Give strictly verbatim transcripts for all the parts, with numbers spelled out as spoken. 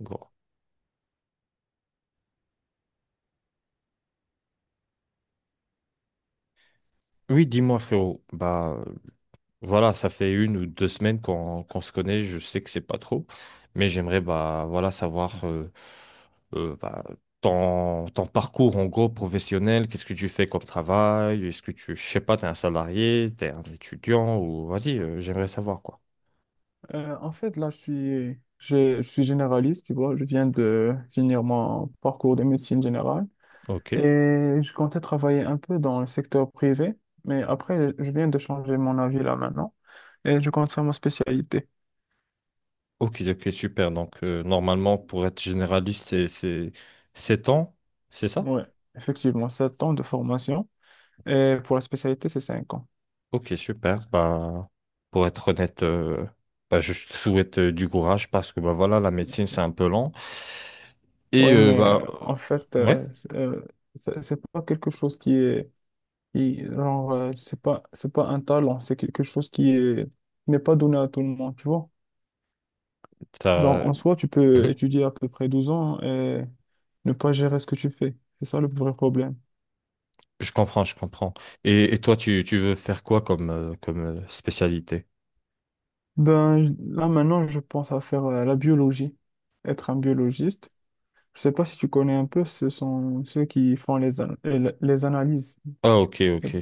Gros. Oui, dis-moi, frérot. Bah, euh, voilà, ça fait une ou deux semaines qu'on qu'on se connaît. Je sais que c'est pas trop, mais j'aimerais bah voilà savoir euh, euh, bah, ton, ton parcours en gros professionnel. Qu'est-ce que tu fais comme travail? Est-ce que tu, je sais pas, t'es un salarié, t'es un étudiant ou vas-y, euh, j'aimerais savoir quoi. Euh, en fait, là, je suis, je, je suis généraliste, tu vois. Je viens de finir mon parcours de médecine générale Ok. et je comptais travailler un peu dans le secteur privé, mais après, je viens de changer mon avis là maintenant et je compte faire ma spécialité. Ok, ok, super. Donc euh, normalement, pour être généraliste, c'est c'est sept ans, c'est ça? Ouais, effectivement, sept ans de formation et pour la spécialité, c'est cinq ans. Ok, super. Bah, pour être honnête, euh, bah, je te souhaite euh, du courage parce que bah, voilà, la médecine, c'est Merci. un peu lent. Et Ouais, euh, mais bah, euh, en fait, euh, ouais, euh, c'est euh, c'est- c'est pas quelque chose qui est, qui- genre, euh, c'est pas, c'est pas un talent, c'est quelque chose qui est, qui n'est pas donné à tout le monde, tu vois. ça, Genre, en soi, tu peux Mhm. étudier à peu près douze ans et ne pas gérer ce que tu fais. C'est ça le vrai problème. Je comprends, je comprends. Et, et toi, tu, tu veux faire quoi comme, euh, comme euh, spécialité? Ben, j- là, maintenant, je pense à faire euh, la biologie, être un biologiste. Je sais pas si tu connais un peu, ce sont ceux qui font les, an- les les analyses. Ah, ok, Les- ok.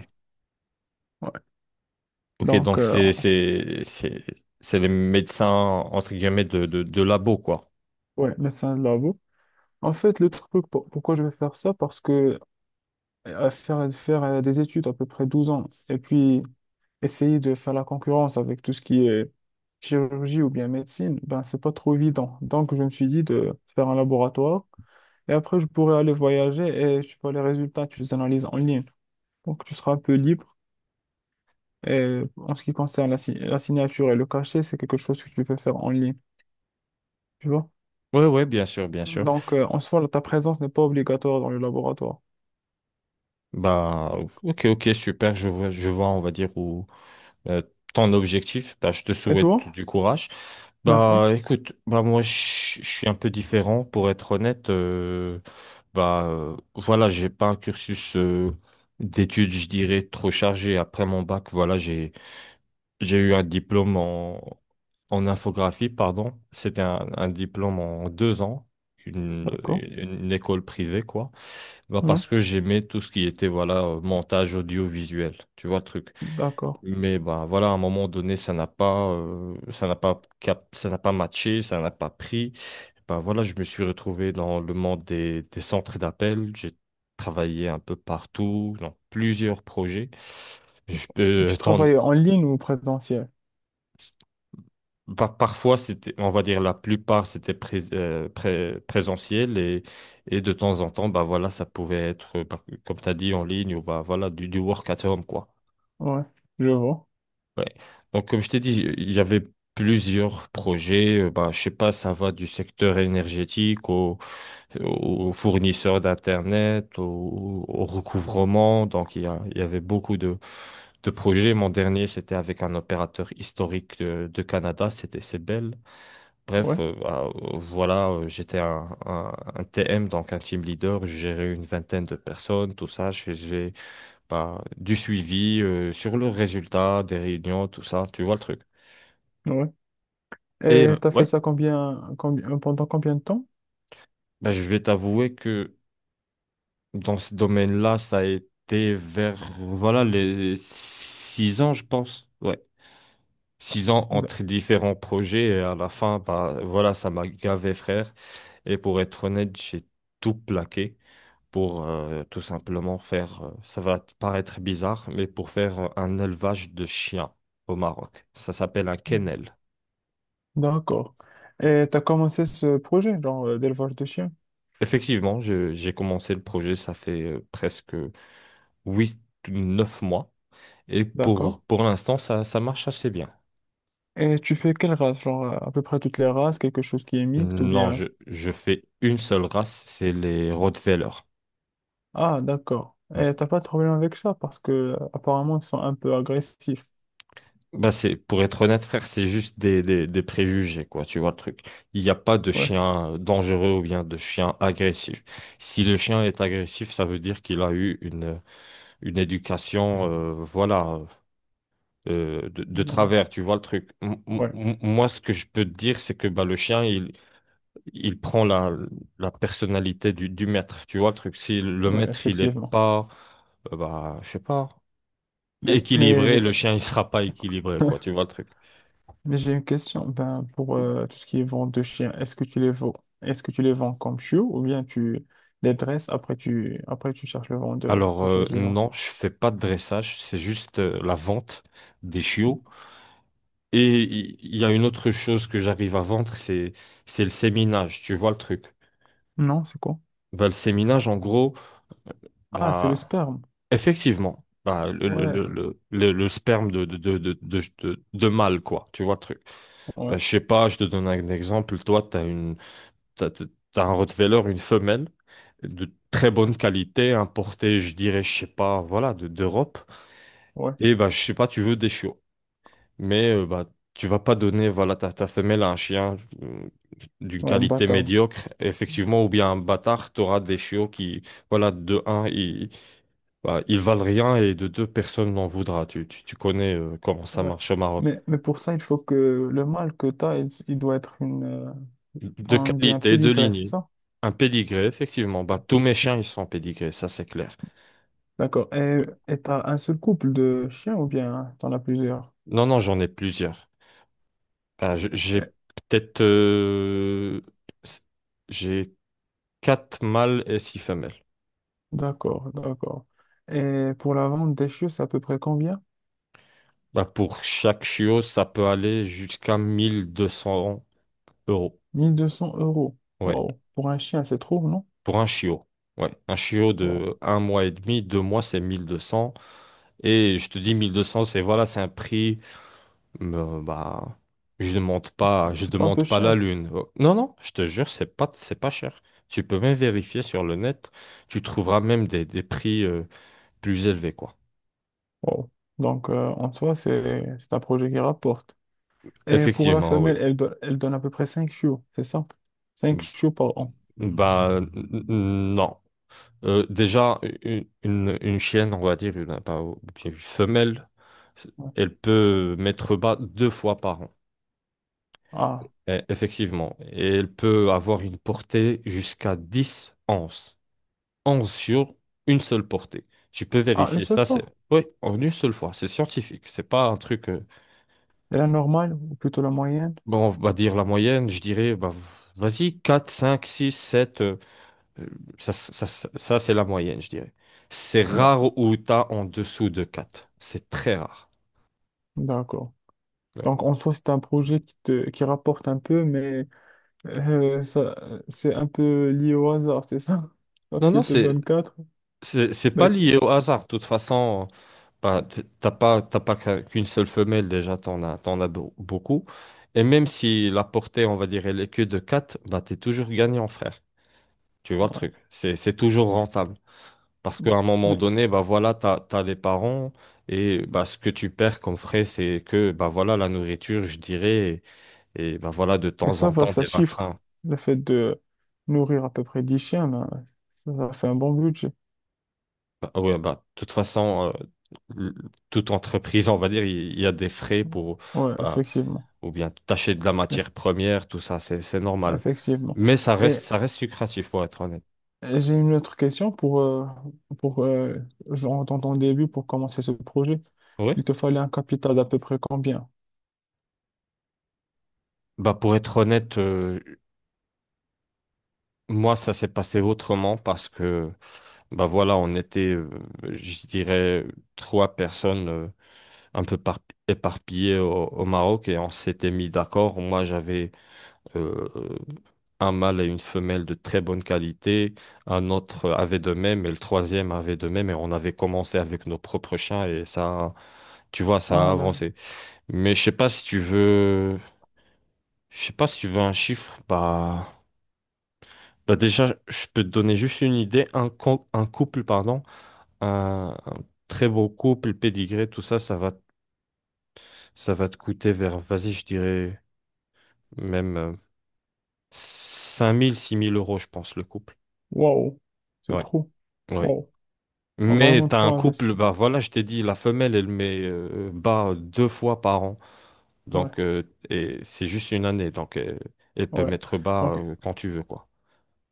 Ouais. Ok, Donc, donc euh, c'est, c'est, c'est, c'est les médecins, entre guillemets, de, de, de labo, quoi. ouais, médecin de labo. En fait, le truc, pour- pourquoi je vais faire ça, parce que euh, faire, faire euh, des études à peu près douze ans, et puis essayer de faire la concurrence avec tout ce qui est chirurgie ou bien médecine, ben, c'est pas trop évident. Donc, je me suis dit de faire un laboratoire et après, je pourrais aller voyager et tu vois les résultats, tu les analyses en ligne. Donc, tu seras un peu libre. Et en ce qui concerne la, si- la signature et le cachet, c'est quelque chose que tu peux faire en ligne, tu vois. Ouais, ouais, bien sûr, bien sûr. Donc, euh, en soi, ta présence n'est pas obligatoire dans le laboratoire. Bah, ok, ok, super. Je vois, je vois, on va dire, où. euh, Ton objectif. Bah, je te Et souhaite toi? du courage. Merci. Bah, écoute, bah, moi, je je suis un peu différent, pour être honnête. Euh, bah, euh, voilà, j'ai pas un cursus euh, d'études, je dirais, trop chargé. Après mon bac, voilà, j'ai, j'ai eu un diplôme en, en infographie, pardon. C'était un, un diplôme en deux ans. Une, D'accord. une école privée, quoi. Bah, Ouais, parce que j'aimais tout ce qui était, voilà, euh, montage audiovisuel. Tu vois le truc. d'accord. Mais ben, voilà, à un moment donné, ça n'a pas, euh, ça n'a pas, cap- ça n'a pas matché, ça n'a pas pris. Ben, voilà, je me suis retrouvé dans le monde des, des centres d'appel. J'ai travaillé un peu partout, dans plusieurs projets. Je Et peux, euh, tu t'en- travailles en ligne ou présentiel? par- Parfois, c'était, on va dire la plupart, c'était pré- euh, pré- présentiel et, et de temps en temps, bah voilà, ça pouvait être, euh, par- comme tu as dit, en ligne ou bah voilà, du, du work at home, quoi. Ouais, je vois. Ouais. Donc, comme je t'ai dit, il y avait plusieurs projets. euh, Bah, je sais pas, ça va du secteur énergétique au, au fournisseur d'Internet, au, au recouvrement. Donc, il y a- il y avait beaucoup de, de projets. Mon dernier, c'était avec un opérateur historique de, de Canada, c'était Sebel. Bref, Ouais, euh, bah, euh, voilà, euh, j'étais un, un- un T M, donc un team leader. Je gérais une vingtaine de personnes, tout ça. J'ai bah, du suivi euh, sur le résultat des réunions, tout ça, tu vois le truc. ouais. Et Et euh, t'as fait ouais, ça combien, combien, euh, pendant combien de temps? bah, je vais t'avouer que dans ce domaine-là, ça a été vers, voilà, les six ans, je pense. Ouais, six ans D- entre différents projets et à la fin, bah, voilà, ça m'a gavé, frère. Et pour être honnête, j'ai tout plaqué pour euh, tout simplement faire, euh, ça va te paraître bizarre, mais pour faire euh, un élevage de chiens au Maroc. Ça s'appelle un kennel. D'accord. Et tu as commencé ce projet, genre euh, d'élevage de chiens. Effectivement, je- j'ai commencé le projet, ça fait euh, presque huit, neuf mois. Et pour, D'accord. pour l'instant, ça, ça marche assez bien. Et tu fais quelle race? Genre euh, à peu près toutes les races, quelque chose qui est mixte ou Non, bien... je, je fais une seule race, c'est les Rottweiler. Ah, d'accord. Et Ouais. t'as pas de problème avec ça parce que euh, apparemment ils sont un peu agressifs. Bah c'est, pour être honnête, frère, c'est juste des, des, des préjugés, quoi, tu vois le truc. Il n'y a pas de Ouais. chien euh, dangereux ou bien de chien agressif. Si le chien est agressif, ça veut dire qu'il a eu une, une éducation, euh, voilà, euh, de, de Donc, travers, tu vois le truc. M- m- ouais. M- moi, ce que je peux te dire, c'est que bah, le chien, il, il prend la, la personnalité du, du maître, tu vois le truc. Si le Ouais, maître, il est effectivement. pas, euh, bah, je sais pas, Mais, mais équilibré, j'ai le chien, il sera pas équilibré, quoi, tu vois le truc. mais j'ai une question. Ben, pour euh, tout ce qui est vente de chiens, est-ce que tu les vends? Est-ce que tu les vends comme chiots ou bien tu les dresses après tu après tu cherches le vendeur ou Alors, quelque euh, chose du genre? non, je fais pas de dressage, c'est juste euh, la vente des chiots. Et il il y a une autre chose que j'arrive à vendre, c'est, c'est le séminage, tu vois le truc. Non, c'est quoi? Bah, le séminage, en gros, Ah, c'est le bah, sperme. effectivement, bah, le, le, Ouais, le, le, le- le sperme de, de, de, de, de, de- de mâle, quoi, tu vois le truc. ouais, Bah, je sais pas, je te donne un exemple. Toi, tu as une, t'as, t'as- t'as un Rottweiler, une femelle de très bonne qualité, importée, je dirais, je sais pas, voilà, de, d'Europe. ouais, Et bah, je sais pas, tu veux des chiots. Mais euh, bah, tu vas pas donner, voilà, ta, ta femelle à un chien euh, d'une ouais, un qualité bâtard. médiocre, effectivement, ou bien un bâtard, tu auras des chiots qui, voilà, de un, ils, bah, ils valent rien et de deux personnes n'en voudra. Tu, tu, tu connais euh, comment ça Ouais. marche au Maroc. Mais, mais pour ça, il faut que le mâle que tu as, il, il doit être une. euh, De On dit un qualité, de pédigré, c'est lignée. ça? Un pédigré, effectivement. Bah, tous mes chiens, ils sont pédigrés, ça c'est clair. D'accord. Et Ouais. et t'as un seul couple de chiens ou bien t'en as plusieurs? Non, non, j'en ai plusieurs. Ah, je- j'ai Eh, peut-être... euh, s- j'ai quatre mâles et six femelles. d'accord, d'accord. Et pour la vente des chiens, c'est à peu près combien? Bah, pour chaque chiot, ça peut aller jusqu'à mille deux cents euros. Mille deux cents euros. Ouais. Wow. Pour un chien, c'est trop, non? Pour un chiot. Ouais, un chiot Wow. de un mois et demi, deux mois, c'est mille deux cents. Et je te dis mille deux cents, c'est voilà, c'est un prix. me- bah, je demande pas, je C'est pas un demande peu pas la cher. lune. Oh, non, non, je te jure, c'est pas, c'est pas cher. Tu peux même vérifier sur le net. Tu trouveras même des, des prix euh, plus élevés, quoi. Wow. Donc, euh, en soi, c'est c'est un projet qui rapporte. Et pour la Effectivement, oui. femelle, elle, do- elle donne à peu près cinq chiots, c'est ça? Cinq chiots par an. Bah, n- n- non. Euh, déjà, une, une- une chienne, on va dire, une, pas- ou bien une femelle, Ouais. elle peut mettre bas deux fois par an. Ah, Eh, effectivement. Et elle peut avoir une portée jusqu'à dix onces. onze sur une seule portée. Tu peux ah, une vérifier seule ça, c'est. fois. Oui, en une seule fois, c'est scientifique. C'est pas un truc. euh, Et la normale, ou plutôt la moyenne? Bon, on va dire la moyenne, je dirais, bah, v- vas-y, quatre cinq six sept, euh, Euh, Ça, ça, ça- ça, c'est la moyenne, je dirais. C'est rare D'accord. où tu as en dessous de quatre. C'est très rare. D'accord. Ouais. Donc, en soi, c'est un projet qui, te, qui rapporte un peu, mais euh, ça, c'est un peu lié au hasard, c'est ça? Donc, Non, non, s'il te c'est, donne quatre c'est, c'est ben pas c'est- lié au hasard. De toute façon, bah, t- t'as pas, t'as pas qu'un- qu'une seule femelle, déjà, t'en as, t'en as beau- beaucoup. Et même si la portée, on va dire, elle est que de quatre, bah, t'es toujours gagnant, frère. Tu vois le ouais. truc. C'est, c'est toujours rentable. Parce qu'à un moment Mais, donné, bah voilà, t'as, t'as les parents et bah, ce que tu perds comme frais, c'est que bah voilà, la nourriture, je dirais. Et ben voilà, de mais temps ça en va, temps, ça des chiffre. vaccins. Le fait de nourrir à peu près dix chiens, ben, ça, ça fait un bon budget. Bah, ouais, bah, de toute façon, euh, l- toute entreprise, on va dire, il il y a des frais pour, Ouais, bah, effectivement. ou bien tâcher de la matière Eff- première, tout ça, c'est, c'est normal. Effectivement. Mais ça reste, Et ça reste lucratif, pour être honnête. Euh, j'ai une autre question pour, euh, pour euh, genre, dans ton début, pour commencer ce projet. Oui. Il te fallait un capital d'à peu près combien? Bah, pour être honnête, euh, moi, ça s'est passé autrement parce que, bah voilà, on était, euh, je dirais, trois personnes euh, un peu par- éparpillées au, au Maroc et on s'était mis d'accord. Moi, j'avais euh, un mâle et une femelle de très bonne qualité, un autre avait de même et le troisième avait de même et on avait commencé avec nos propres chiens et ça, tu vois, ça a Ah, d'accord. avancé. Mais je sais pas si tu veux, je sais pas si tu veux un chiffre, bah, bah déjà, je peux te donner juste une idée, un, co- un couple, pardon, un, un très beau couple, pédigré, tout ça, ça va, ça va te coûter vers, vas-y, je dirais même euh, cinq mille six mille euros, je pense, le couple. Waouh, c'est Ouais. trop. Ouais. Waouh, Mais vraiment t'as un trop couple, investir. bah voilà, je t'ai dit, la femelle, elle met euh, bas deux fois par an. Ouais, Donc, euh, et c'est juste une année. Donc, euh, elle peut ouais. mettre bas Donc, euh, quand tu veux, quoi.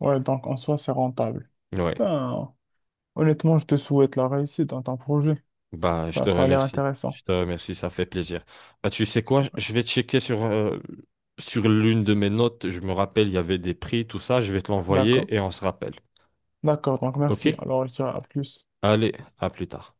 ouais, donc en soi, c'est rentable. Ouais. Ben, honnêtement, je te souhaite la réussite dans ton projet. Bah, je Ben, te ça a l'air remercie. Je intéressant. te remercie, ça fait plaisir. Bah, tu sais quoi, je vais checker sur, euh, sur l'une de mes notes. Je me rappelle, il y avait des prix, tout ça. Je vais te D'accord. l'envoyer et on se rappelle. D'accord, donc merci. OK? Alors, je dirais à plus. Allez, à plus tard.